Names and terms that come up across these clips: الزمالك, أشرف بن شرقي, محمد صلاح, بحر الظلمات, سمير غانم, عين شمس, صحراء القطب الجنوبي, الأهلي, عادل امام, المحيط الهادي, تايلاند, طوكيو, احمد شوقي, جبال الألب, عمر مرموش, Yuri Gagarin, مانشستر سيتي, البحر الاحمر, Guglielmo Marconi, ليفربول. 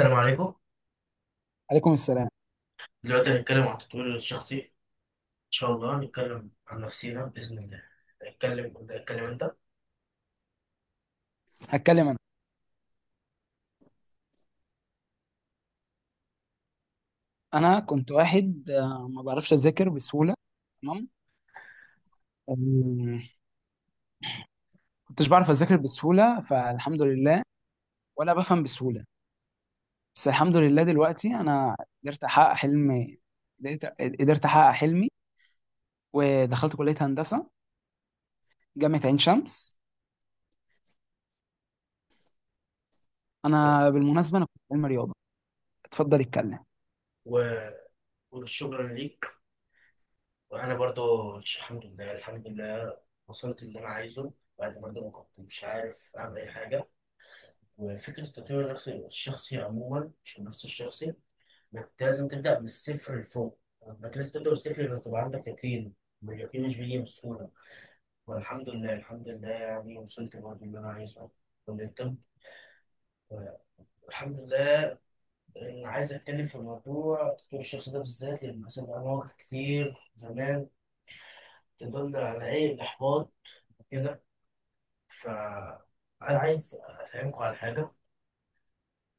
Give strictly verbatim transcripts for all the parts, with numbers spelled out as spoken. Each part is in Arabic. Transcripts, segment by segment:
السلام عليكم. عليكم السلام. دلوقتي هنتكلم عن التطوير الشخصي إن شاء الله، هنتكلم عن نفسينا بإذن الله. هنتكلم، ابدأ اتكلم أنت. هتكلم انا. انا كنت واحد آه، ما بعرفش اذاكر بسهوله. تمام. أم، كنتش بعرف اذاكر بسهوله، فالحمد لله. ولا بفهم بسهوله. بس الحمد لله دلوقتي انا قدرت احقق حلمي. قدرت قدرت احقق حلمي، ودخلت كليه هندسه، جامعه عين شمس. انا بالمناسبه انا كنت علم رياضه. اتفضل اتكلم. و- والشكر ليك. وأنا برضو الحمد لله، الحمد لله وصلت اللي أنا عايزه، بعد برضو ما كنت مش عارف أعمل أي حاجة. وفكرة التطوير النفسي الشخصي عموما، مش النفس الشخصي، إنك لازم تبدأ من الصفر لفوق. إنك لازم تبدأ من الصفر لأنك تبقى عندك يقين، واليقين مش بيجي بسهولة. والحمد لله، الحمد لله يعني وصلت برضو اللي أنا عايزه، كلية الطب، الحمد لله. أنا عايز أتكلم في موضوع تطوير الشخص ده بالذات لأن حصل معايا مواقف كتير زمان تدل على إيه، الإحباط وكده. فأنا عايز أفهمكم على حاجة.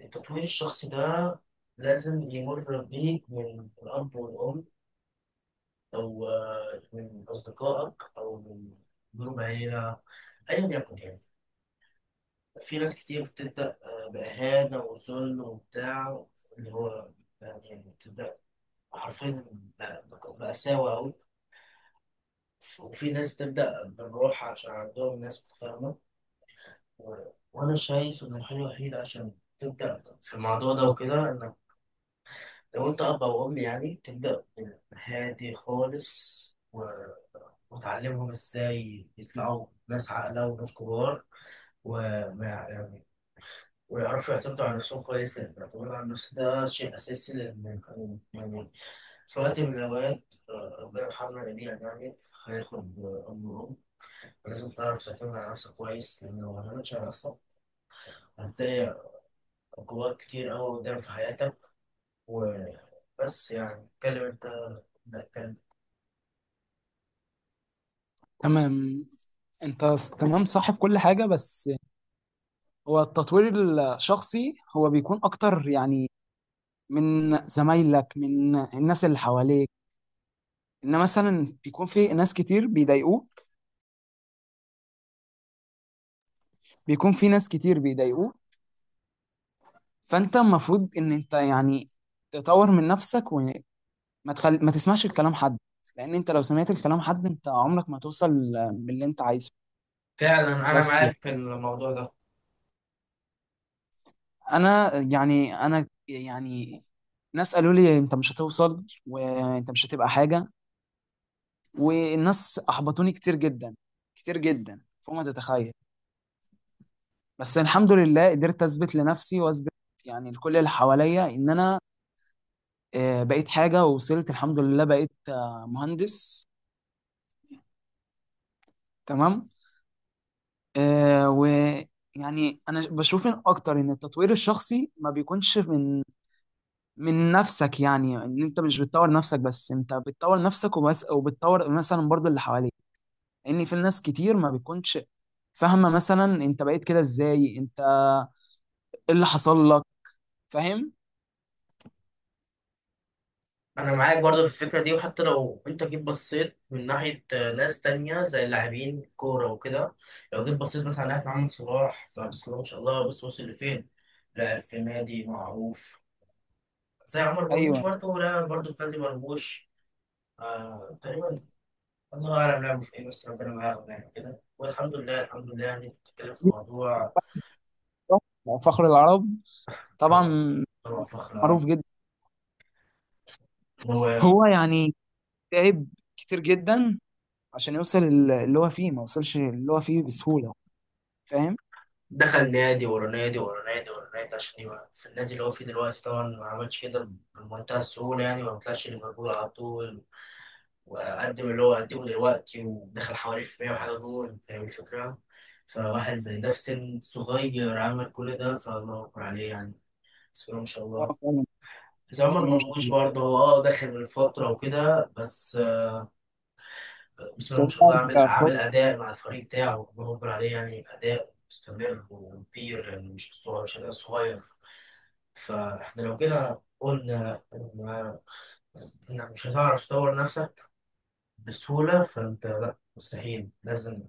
التطوير الشخصي ده لازم يمر بيك من الأب والأم، أو آه، من أصدقائك أو من جروب عيلة، أيا يكن يعني. في ناس كتير بتبدأ آه، بإهانة وذل وبتاع، اللي هو يعني بتبدأ حرفيا بقوا مأساوي أوي. وفي ناس بتبدأ بالروح عشان عندهم ناس متفاهمة. و... وأنا شايف إن الحل الوحيد عشان تبدأ في الموضوع ده وكده، إنك لو أنت أب أو أم يعني تبدأ هادي خالص، و... وتعلمهم إزاي يطلعوا ناس عاقلة وناس كبار، وما يعني ويعرفوا يعتمدوا على نفسهم كويس، لأن الاعتماد على النفس ده شيء أساسي. لأن يعني صلاة الجواد، آه، ربنا يرحمنا جميعا يعني. هياخد آه، أمر أم، لازم تعرف تعتمد على نفسك كويس، لأن لو ما اعتمدتش على نفسك هتلاقي عقوبات كتير أوي قدام في حياتك. وبس يعني، اتكلم أنت، لا اتكلم. تمام. انت س- تمام، صح في كل حاجه. بس هو التطوير الشخصي هو بيكون اكتر يعني من زمايلك، من الناس اللي حواليك. ان مثلا بيكون في ناس كتير بيضايقوه. بيكون في ناس كتير بيضايقوه فانت المفروض ان انت يعني تطور من نفسك، وما تخل... ما تسمعش الكلام حد. لان انت لو سمعت الكلام حد انت عمرك ما توصل باللي انت عايزه. فعلا أنا بس يعني معاك في الموضوع ده. انا يعني انا يعني ناس قالوا لي انت مش هتوصل وانت مش هتبقى حاجة، والناس احبطوني كتير جدا، كتير جدا فوق ما تتخيل. بس الحمد لله قدرت اثبت لنفسي واثبت يعني لكل اللي حواليا ان انا آه، بقيت حاجه، ووصلت الحمد لله بقيت آه، مهندس. تمام. آه، ويعني انا بشوف إن اكتر ان التطوير الشخصي ما بيكونش من من نفسك. يعني ان انت مش بتطور نفسك بس، انت بتطور نفسك وبس، وبتطور مثلا برضو اللي حواليك. لان في ناس كتير ما بيكونش فاهمه، مثلا انت بقيت كده ازاي، انت ايه اللي حصل لك؟ فاهم. أنا معاك برضه في الفكرة دي. وحتى لو أنت جيت بصيت من ناحية آه، ناس تانية زي اللاعبين كورة وكده، لو جيت بصيت مثلا على ناحية محمد صلاح، فبسم الله ما شاء الله، بص وصل لفين، لعب في نادي معروف. زي عمر مرموش ايوه، برضه، لعب برضه في نادي مرموش آه تقريبا، الله أعلم لعبوا في إيه بس ربنا معاهم يعني كده. والحمد لله، الحمد لله يعني، بتتكلم في موضوع. فخر العرب طبعا، طبعا، طبعا فخر معروف العرب. جدا. هو هو يعني تعب كتير جدا عشان يوصل ال- اللي هو فيه، ما وصلش اللي هو فيه بسهولة. فاهم؟ دخل نادي ورا نادي ورا نادي ورا نادي عشان يبقى في النادي اللي هو فيه دلوقتي. طبعا ما عملش كده بمنتهى السهولة يعني، ما طلعش ليفربول على طول، وقدم اللي هو قدمه دلوقتي، ودخل حوالي في مية وحاجة جول. فاهم الفكرة؟ فواحد زي ده في سن صغير عمل كل ده، فالله أكبر عليه يعني، بسم الله ما شاء الله. اه فعلا. زي بسم عمر الله ما شاء مرموش الله. برضه، هو اه داخل من فترة وكده بس، آه، بسم بس الله هو ما شاء الله، قاعد عامل بقى- عامل أداء مع الفريق بتاعه، بنقول عليه يعني أداء مستمر وكبير، يعني مش صغير، مش أداء صغير. فاحنا لو جينا قلنا إن، إنك مش هتعرف تطور نفسك بسهولة، فأنت لأ مستحيل، لازم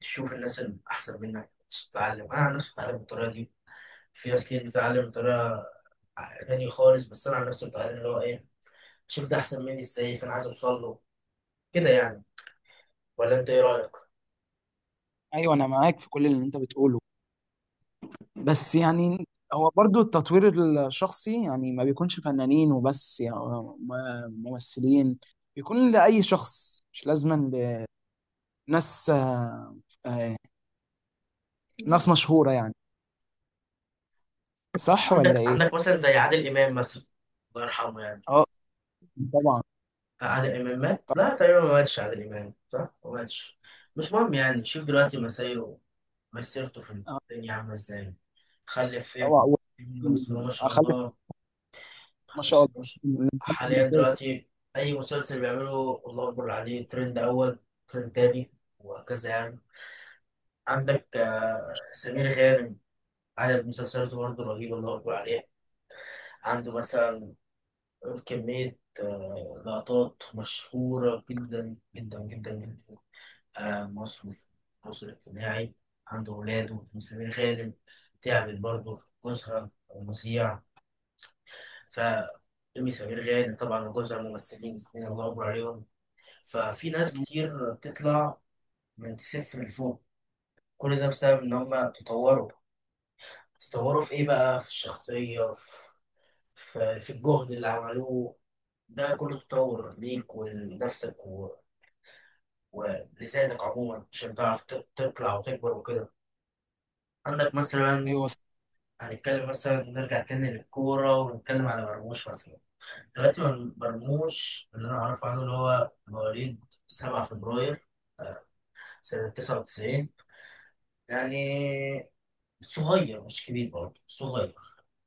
تشوف الناس الأحسن منك تتعلم. أنا عن نفسي بتعلم بالطريقة دي. في ناس كتير بتتعلم بطريقة تانية خالص، بس أنا عن نفسي بتعلم اللي هو إيه، شوف ده أحسن مني إزاي، فأنا عايز أوصل له كده يعني. ولا انت ايه رايك؟ ايوه انا معاك في كل اللي انت بتقوله. بس يعني هو برضو التطوير الشخصي يعني ما بيكونش فنانين وبس، يعني م- ممثلين. بيكون لأي شخص، مش لازما لناس آه، آه، ناس مشهورة يعني. صح ولا عندك، ايه؟ عندك مثلا زي عادل امام مثلا، الله يرحمه يعني. اه طبعا. آه، عادل امام مات، لا تقريبا ما ماتش عادل امام، صح؟ ما ماتش. مش مهم يعني، شوف دلوقتي مسيره مسيرته في الدنيا عامله ازاي. خلف طبعا ابن، و- ابنه بسم الله ما شاء اخلف. الله. ما خلف شاء ابنه ما شاء الله. الله. حاليا دلوقتي اي مسلسل بيعمله الله اكبر عليه، ترند اول، ترند تاني، وهكذا يعني. عندك آه، سمير غانم، عدد مسلسلاته برضه رهيب، الله اكبر عليه. عنده مثلا كمية آه، لقطات مشهورة جدا جدا جدا جدا، آه، مصر في مصر الاجتماعي. عند ولاده سمير غانم، تعبت برضه جوزها المذيع. ف أم سمير غانم طبعا وجوزها ممثلين الاثنين، الله أكبر عليهم. ففي ناس كتير بتطلع من صفر لفوق، كل ده بسبب إن هما تطوروا. تطوروا في إيه بقى، في الشخصية، في، في في الجهد اللي عملوه. ده كله تطور ليك ولنفسك ولسانك عموما، عشان تعرف ت- تطلع وتكبر وكده. عندك ايوه. مثلا، هنتكلم مثلا نرجع تاني للكورة، ونتكلم على مرموش مثلا. دلوقتي مر- مرموش اللي أنا أعرفه عنه، اللي هو مواليد سبعة فبراير، آه، سنة تسعة وتسعين يعني، صغير مش كبير، برضه صغير.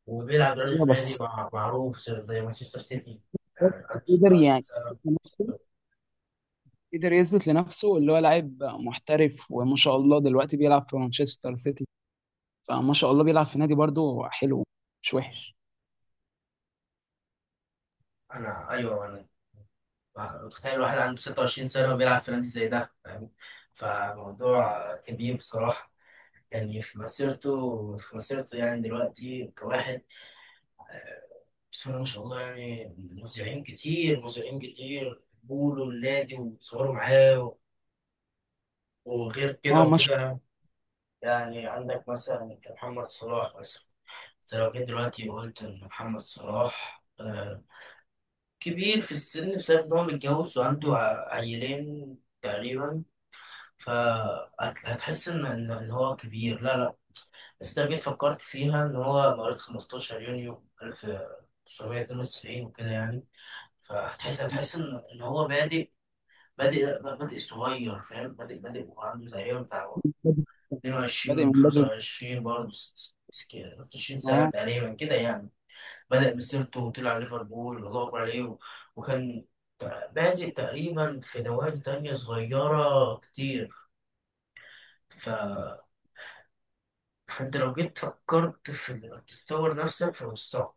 وبيلعب دلوقتي أيوة، في نادي بس مع- معروف زي مانشستر سيتي. هو يعني عنده قدر ستة وعشرين يعني سنة. قدر يثبت لنفسه اللي هو لاعب محترف، وما شاء الله دلوقتي بيلعب في مانشستر سيتي. فما شاء الله بيلعب في نادي برضه حلو، مش وحش. أنا أيوه أنا، تخيل واحد عنده ستة وعشرين سنة وبيلعب في نادي زي ده، فاهم؟ فموضوع كبير بصراحة، يعني في مسيرته، في مسيرته يعني دلوقتي كواحد، بسم الله ما شاء الله يعني. مذيعين كتير، مذيعين كتير بيقولوا النادي وتصوروا معاه، وغير اه كده ما شاء وكده يعني. عندك مثلا محمد صلاح مثلا، انت لو جيت دلوقتي وقلت ان محمد صلاح آه، كبير في السن بسبب ان هو متجوز وعنده ع- عيلين تقريبا، فهتحس ان ان إن هو كبير، لا لا. بس انت لو جيت فكرت فيها ان هو مواليد خمستاشر يونيو ألف وتسعمية اتنين وتسعين وكده يعني، فهتحس، هتحس ان ان هو بادئ، بادئ بادئ صغير، فاهم؟ بادئ بادئ وعنده تقريبا بتاع الله. بادئ بادئ اتنين وعشرين، من بدري جداً. خمسة وعشرين برضه، ستة وعشرين سنة اه تقريبا كده يعني. بدأ مسيرته وطلع ليفربول، والله أكبر عليه، و- وكان بادئ تقريبا في نوادي تانية صغيرة كتير. ف فانت لو جيت فكرت في انك تطور نفسك، فمش صعب.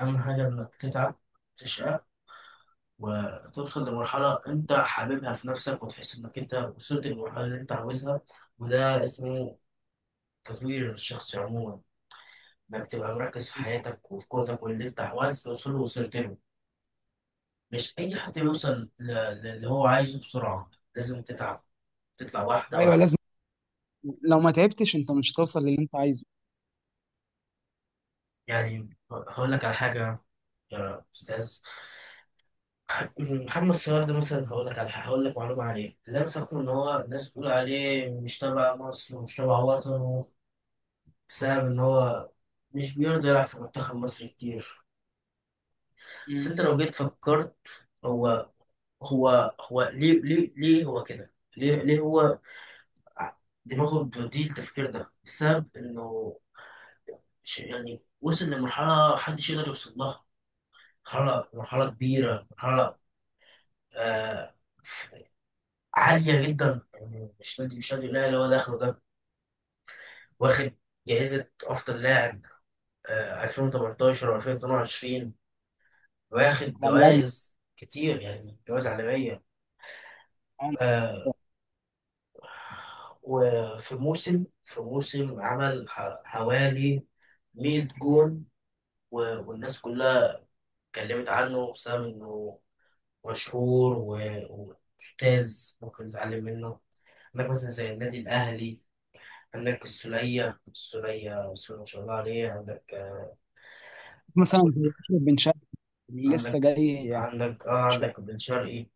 اهم حاجه انك تتعب، تشقى، وتوصل لمرحله انت حاببها في نفسك، وتحس انك انت وصلت للمرحله اللي انت عاوزها. وده اسمه تطوير الشخص عموما، انك تبقى مركز في حياتك وفي قوتك، واللي انت عاوز توصله وصلت له. مش اي حد بيوصل ل- ل- اللي هو عايزه بسرعه، لازم تتعب، تطلع واحده ايوه لازم. واحده. لو ما تعبتش انت مش هتوصل للي انت عايزه. يعني هقول لك على حاجه، يا استاذ، محمد صلاح ده مثلا، هقول لك على حاجة- هقول لك معلومه عليه اللي انا فاكره. ان هو الناس بتقول عليه مش تبع مصر ومش تبع وطنه، بسبب ان هو مش بيرضى يلعب في منتخب مصر كتير. مم. بس انت لو جيت فكرت، هو هو هو ليه، ليه ليه هو كده، ليه ليه هو، ع- دماغه بتوديه التفكير ده بسبب انه، ش- يعني وصل لمرحله محدش يقدر يوصل لها، مرحله، مرحله كبيره، مرحله آه عالية جدا يعني. مش نادي، مش نادي الأهلي هو داخله ده. واخد جائزة أفضل لاعب، آه، ألفين وتمنتاشر و2022، واخد طبعا لاعب، جوائز كتير يعني، جوائز عالمية. آه، وفي موسم، في موسم عمل ح- حوالي مية جون، و- والناس كلها اتكلمت عنه بسبب إنه مشهور، و- وأستاذ ممكن تتعلم منه. عندك مثلا زي النادي الأهلي، عندك السولية، السولية بسم الله ما شاء الله عليه. عندك آه، مثلا زي أشرف بن شرقي اللي لسه عندك، جاي يعني. عندك اه مش عندك بن شرقي.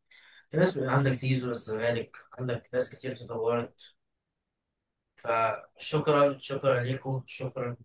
في ناس، عندك زيزو الزمالك، عندك ناس كتير تطورت. فشكرا، شكرا لكم، شكرا.